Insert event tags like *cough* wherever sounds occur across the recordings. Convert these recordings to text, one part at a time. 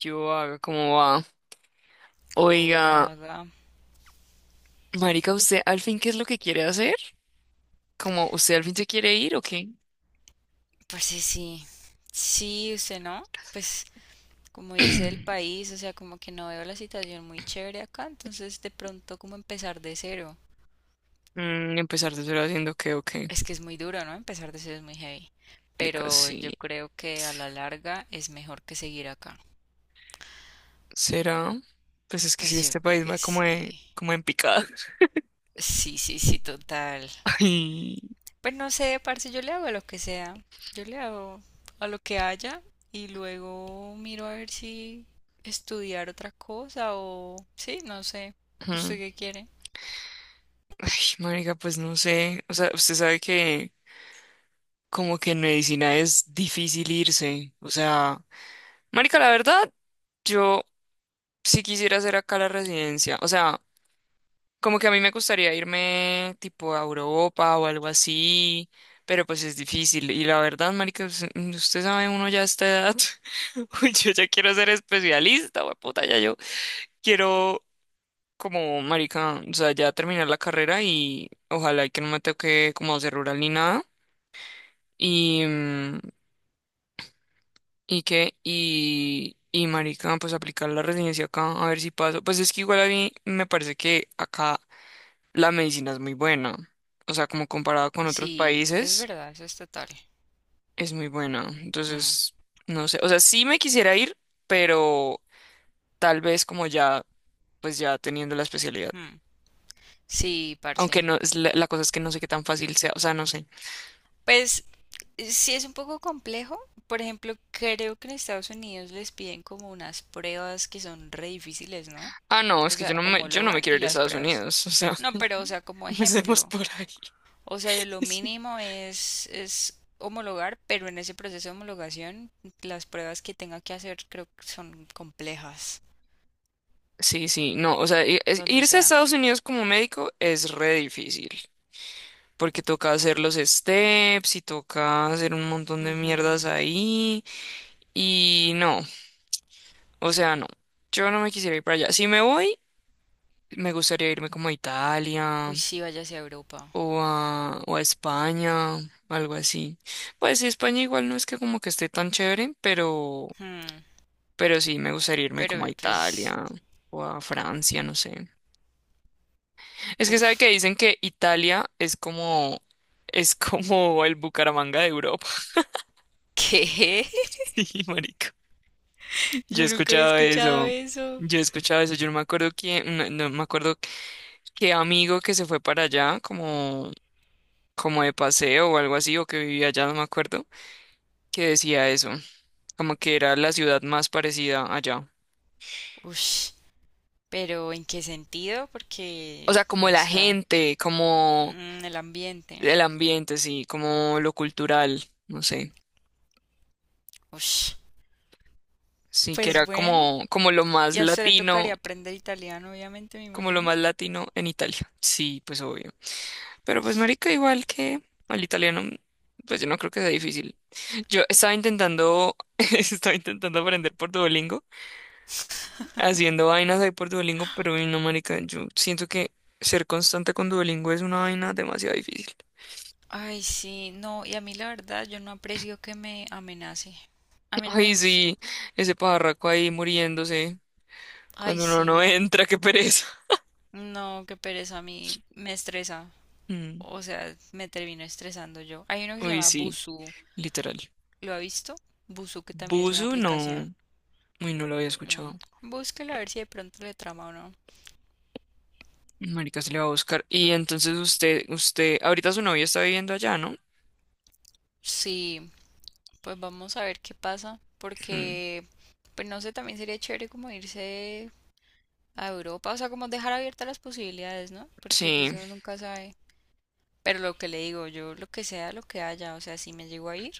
Yo haga como va. Oh, la Oiga, verdad. marica, ¿usted al fin qué es lo que quiere hacer? ¿Como usted al fin se quiere ir o qué? Pues sí. Sí, usted no. Pues como irse del *clears throat* país, o sea, como que no veo la situación muy chévere acá, entonces de pronto como empezar de cero. Empezar de cero haciendo qué o qué. Es que es muy duro, ¿no? Empezar de cero es muy heavy. Marica, Pero sí. yo creo que a la larga es mejor que seguir acá. ¿Será? Pues es que si Pues yo este creo país que va sí. como en picada. *laughs* Sí, total. Ay, Pues no sé, parce, yo le hago a lo que sea. Yo le hago a lo que haya y luego miro a ver si estudiar otra cosa o... Sí, no sé. ¿Usted mm, qué quiere? Marica, pues no sé. O sea, usted sabe que como que en medicina es difícil irse. O sea, marica, la verdad, yo sí quisiera hacer acá la residencia. O sea, como que a mí me gustaría irme tipo a Europa o algo así, pero pues es difícil. Y la verdad, marica, usted sabe, uno ya a esta edad, *laughs* uy, yo ya quiero ser especialista, puta, ya yo quiero como, marica, o sea, ya terminar la carrera y ojalá y que no me toque como hacer rural ni nada. Y, mm, y marica, pues aplicar la residencia acá, a ver si paso. Pues es que igual a mí me parece que acá la medicina es muy buena. O sea, como comparada con otros Sí, es países, verdad, eso es total. es muy buena. Mm, Entonces, no sé. O sea, sí me quisiera ir, pero tal vez como ya, pues ya teniendo la especialidad. mm. Sí, Aunque parce. no, es la cosa es que no sé qué tan fácil sea. O sea, no sé. Pues sí es un poco complejo. Por ejemplo, creo que en Estados Unidos les piden como unas pruebas que son re difíciles, ¿no? Ah, no, es O que sea, yo no me homologan quiero y ir a las Estados pruebas. Unidos. O sea, No, pero o sea, *laughs* como empecemos ejemplo. por ahí. O sea, lo *laughs* mínimo es, homologar, pero en ese proceso de homologación, las pruebas que tenga que hacer creo que son complejas, Sí, sí, no, o sea, donde irse a sea. Estados Unidos como médico es re difícil, porque toca hacer los steps y toca hacer un montón de Ujú. mierdas ahí. Y no, o sea, no. Yo no me quisiera ir para allá. Si me voy, me gustaría irme como a Italia Uy, sí, váyase a Europa. o o a España, algo así. Pues sí, España igual no es que como que esté tan chévere, Hmm. pero sí me gustaría irme como a Pero pues, Italia o a Francia, no sé. Es que sabe que uff, dicen que Italia es como el Bucaramanga de Europa. ¿qué? *laughs* Sí, marica. *laughs* Yo he Yo nunca había escuchado escuchado eso. eso. Yo he escuchado eso. Yo no me acuerdo quién, no me acuerdo qué amigo que se fue para allá, como, como de paseo o algo así, o que vivía allá, no me acuerdo, que decía eso, como que era la ciudad más parecida allá. Ush, pero ¿en qué sentido? O Porque, sea, como o la sea, gente, como mm, el ambiente. el ambiente, sí, como lo cultural, no sé. Ush. Sí, que Pues era bueno, como, como lo y más a usted le latino, tocaría aprender italiano, obviamente, me como lo imagino. más latino en Italia. Sí, pues obvio. Pero pues marica, igual que al italiano, pues yo no creo que sea difícil. Yo estaba intentando, *laughs* estaba intentando aprender por Duolingo, haciendo vainas ahí por Duolingo, pero uy, no marica, yo siento que ser constante con Duolingo es una vaina demasiado difícil. Ay, sí, no, y a mí la verdad yo no aprecio que me amenace. A *laughs* mí no me Ay, gustó. sí, ese pajarraco ahí muriéndose Ay, cuando uno sí, no no. entra, qué pereza. *laughs* No, qué pereza, a mí me estresa. Mm, O sea, me termino estresando yo. Hay uno que se uy, llama sí, Busuu. literal. ¿Lo ha visto? Busuu, que también es una Buzu, no, aplicación. uy, no lo había Mm. escuchado. Búsquelo a ver si de pronto le trama o no. Marica se le va a buscar. Y entonces ahorita su novia está viviendo allá, ¿no? Sí, pues vamos a ver qué pasa. Mm, Porque, pues no sé, también sería chévere como irse a Europa. O sea, como dejar abiertas las posibilidades, ¿no? Porque pues sí, uno nunca sabe. Pero lo que le digo, yo lo que sea, lo que haya, o sea, si me llego a ir,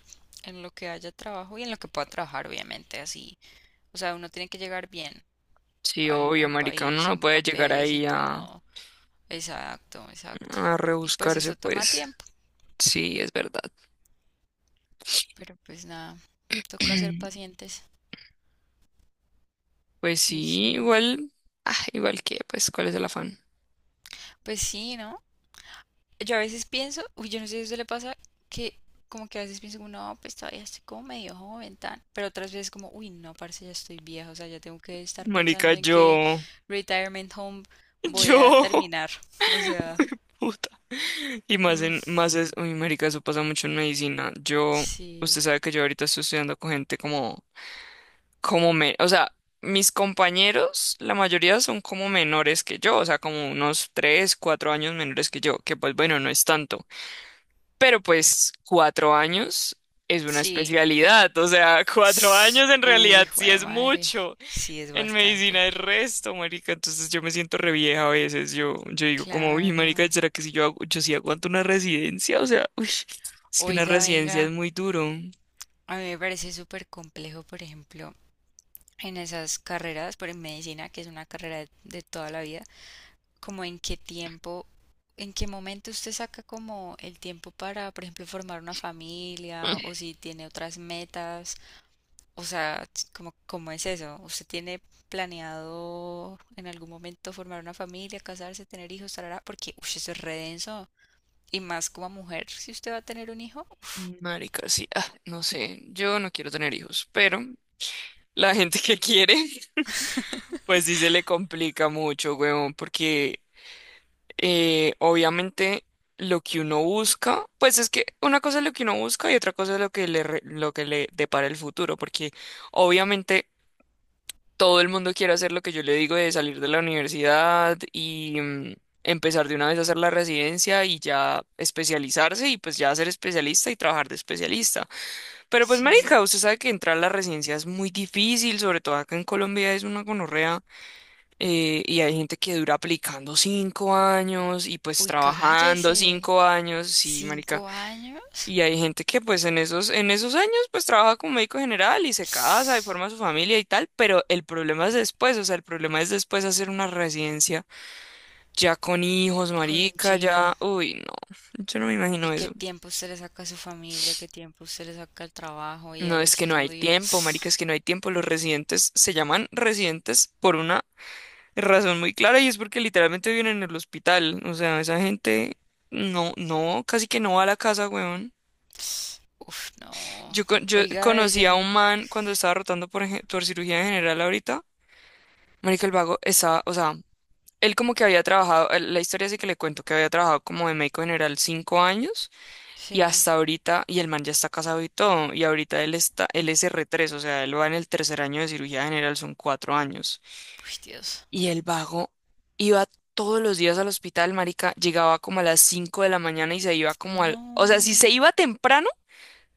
en lo que haya trabajo y en lo que pueda trabajar, obviamente, así. O sea, uno tiene que llegar bien sí, al, obvio, al marica, uno país no con puede llegar papeles y ahí todo. Exacto, exacto. a Y pues rebuscarse, eso toma pues tiempo, sí, es verdad. pero pues nada, toca ser *clears throat* pacientes. Pues Y sí, sí, igual, ah, igual que, pues, ¿cuál es el afán? pues sí, ¿no? Yo a veces pienso, uy, yo no sé si a usted le pasa, que como que a veces pienso, como, no, pues todavía estoy como medio joven, tan. Pero otras veces como, uy, no, parce, ya estoy vieja, o sea, ya tengo que estar Marica, pensando en qué yo, retirement home voy yo, a terminar. *laughs* O sea, *laughs* puta. Y mm, más es, uy, marica, eso pasa mucho en medicina. Yo, sí, usted sabe que yo ahorita estoy estudiando con gente como, o sea, mis compañeros, la mayoría son como menores que yo, o sea, como unos tres, cuatro años menores que yo, que pues bueno, no es tanto. Pero pues cuatro años es una sí. especialidad, o sea, *laughs* cuatro años en Uy, realidad sí jue es madre. mucho. Sí, es En bastante. medicina es resto, marica. Entonces yo me siento re vieja a veces. Yo digo como, uy, Claro. marica, ¿será que si yo hago, yo sí aguanto una residencia? O sea, uy, es que una Oiga, residencia es venga, muy duro. a mí me parece súper complejo, por ejemplo, en esas carreras, por en medicina, que es una carrera de toda la vida como en qué tiempo, en qué momento usted saca como el tiempo para, por ejemplo, formar una familia o *laughs* si tiene otras metas, o sea, como, ¿cómo es eso? ¿Usted tiene planeado en algún momento formar una familia, casarse, tener hijos, tarara? Porque, uy, eso es re denso. Y más como mujer, si usted va a tener un hijo, Mm, marica, sí, ah, no sé, yo no quiero tener hijos, pero la gente que quiere, *laughs* pues sí se le complica mucho, huevón, porque obviamente lo que uno busca, pues es que una cosa es lo que uno busca y otra cosa es lo que lo que le depara el futuro, porque obviamente todo el mundo quiere hacer lo que yo le digo de salir de la universidad y empezar de una vez a hacer la residencia y ya especializarse y pues ya ser especialista y trabajar de especialista. Pero pues sí. marica, usted sabe que entrar a la residencia es muy difícil, sobre todo acá en Colombia es una gonorrea, y hay gente que dura aplicando cinco años y pues Uy, trabajando cállese. cinco años, sí, marica. ¿Cinco años? Y hay gente que pues en en esos años pues trabaja como médico general y se casa y forma su *sniffs* familia y tal, pero el problema es después, o sea, el problema es después hacer una residencia ya con hijos, Con un marica, chino. ya, uy, no, yo no me ¿Y imagino qué eso. tiempo usted le saca a su familia? ¿Qué tiempo usted le saca al trabajo y No, al es que no hay estudio? tiempo, marica, es que no hay tiempo. Los residentes se llaman residentes por una razón muy clara y es porque literalmente viven en el hospital. O sea, esa gente no, casi que no va a la casa, weón. *sniffs* Uf, no. Yo Oiga, debe conocí ser... a m- un man cuando estaba rotando por, por cirugía general ahorita. Marica, el vago estaba, o sea, él como que había trabajado, la historia sí que le cuento, que había trabajado como de médico general cinco años y Sí. hasta ahorita, y el man ya está casado y todo, y ahorita él es R3, o sea, él va en el tercer año de cirugía general, son cuatro años. Uy, Dios. Y el vago iba todos los días al hospital, marica, llegaba como a las 5 de la mañana y se iba como al... O sea, si No. se iba temprano,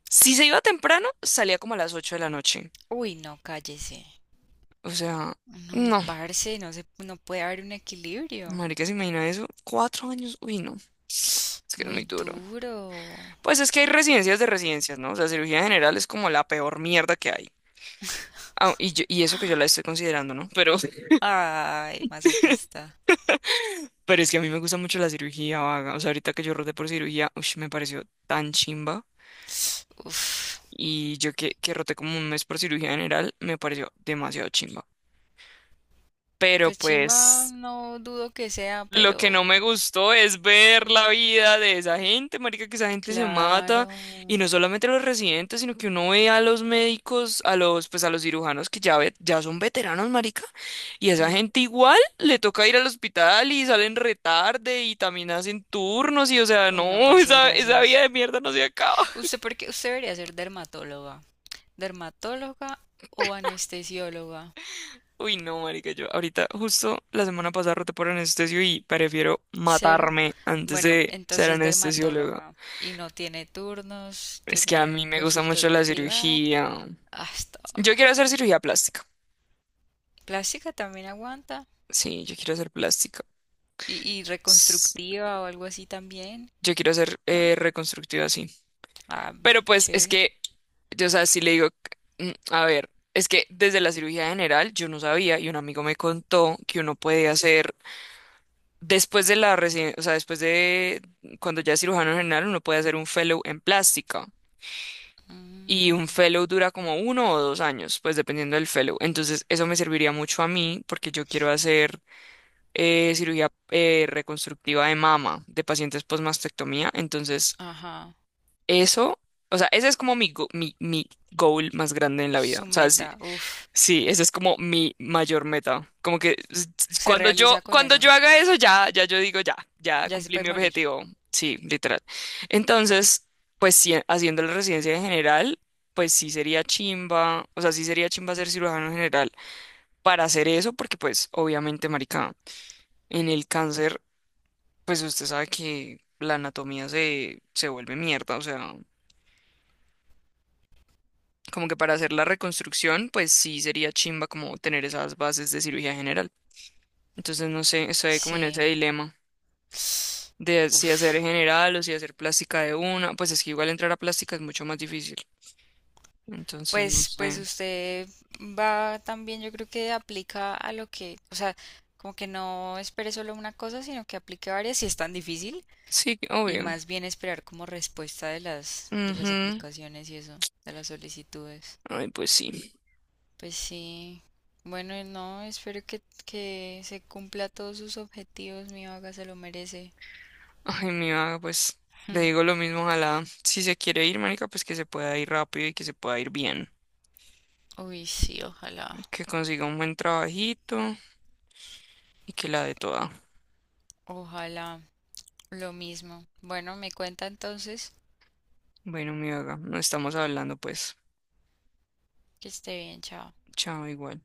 si se iba temprano, salía como a las 8 de la noche. Uy, no, cállese. O sea, No, no, parce, no se, no puede haber un equilibrio. marica, se imagina eso. Cuatro años, uy, no. Es que es muy Muy duro. duro. Pues es que hay residencias de residencias, ¿no? O sea, cirugía general es como la peor mierda que hay. Ah, y eso que yo la estoy considerando, ¿no? Pero, *laughs* Ay, masoquista. pero es que a mí me gusta mucho la cirugía vaga. O sea, ahorita que yo rodé por cirugía, uy, me pareció tan chimba. Uf. Y que roté como un mes por cirugía general, me pareció demasiado chimba. Pero Pues chimba, pues no dudo que sea, lo que no pero... me gustó es ver mm. la vida de esa gente, marica, que esa gente se mata y Claro. no solamente los residentes, sino que uno ve a los médicos, a los pues a los cirujanos que ya ya son veteranos, marica, y esa Mm. gente igual le toca ir al hospital y salen retarde y también hacen turnos y o sea, Uy, no, no, *laughs* parce, esa vida gracias. de mierda no se acaba. Usted porque usted debería ser dermatóloga. Dermatóloga o anestesióloga. Uy, no, marica, yo ahorita justo la semana pasada roté por anestesio y prefiero Cero. matarme antes Bueno, de ser entonces anestesiólogo. dermatóloga. Y no tiene turnos, Es que a tiene mí un me gusta mucho consultorio la privado. cirugía. Hasta Yo ahora. quiero hacer cirugía plástica. Plástica también aguanta. Sí, yo quiero hacer plástica. Y S- reconstructiva o algo así también, Yo quiero hacer ¿no? Reconstructiva, sí. Ah, Pero pues es chévere. que, yo, o sea, si le digo, mm, a ver, es que desde la cirugía general yo no sabía y un amigo me contó que uno puede hacer Después de la reci- o sea, después de cuando ya es cirujano general, uno puede hacer un fellow en plástica. Y Mm, un fellow dura como uno o dos años, pues dependiendo del fellow. Entonces, eso me serviría mucho a mí porque yo quiero hacer cirugía reconstructiva de mama de pacientes postmastectomía. Entonces, ajá. eso, o sea, ese es como mi goal más grande en la vida. Su O sea, si, meta. Uf. sí, esa es como mi mayor meta. Como que Se cuando realiza con cuando yo eso. haga eso, ya, ya yo digo, ya, ya Ya se cumplí puede mi morir. objetivo. Sí, literal. Entonces, pues sí, haciendo la residencia en general, pues sí sería chimba, o sea, sí sería chimba ser cirujano general para hacer eso, porque pues obviamente, marica, en el cáncer, pues usted sabe que se vuelve mierda, o sea, como que para hacer la reconstrucción, pues sí sería chimba como tener esas bases de cirugía general. Entonces, no sé, estoy como en ese Sí. dilema de si hacer Uf. general o si hacer plástica de una. Pues es que igual entrar a plástica es mucho más difícil. Entonces, no Pues, pues sé. usted va también, yo creo que aplica a lo que, o sea, como que no espere solo una cosa, sino que aplique varias si es tan difícil Sí, y obvio. más bien esperar como respuesta de las Ujú. aplicaciones y eso, de las solicitudes. Ay, pues sí. Pues sí, bueno, y no, espero que se cumpla todos sus objetivos, mi vaga se lo merece. Ay, mi vaga, pues le Hmm. digo lo mismo. Ojalá, si se quiere ir, marica, pues que se pueda ir rápido y que se pueda ir bien. Uy, sí, ojalá, Que consiga un buen trabajito y que la dé toda. ojalá, lo mismo. Bueno, me cuenta entonces Bueno, mi vaga, nos estamos hablando, pues. que esté bien, chao. Chao, igual.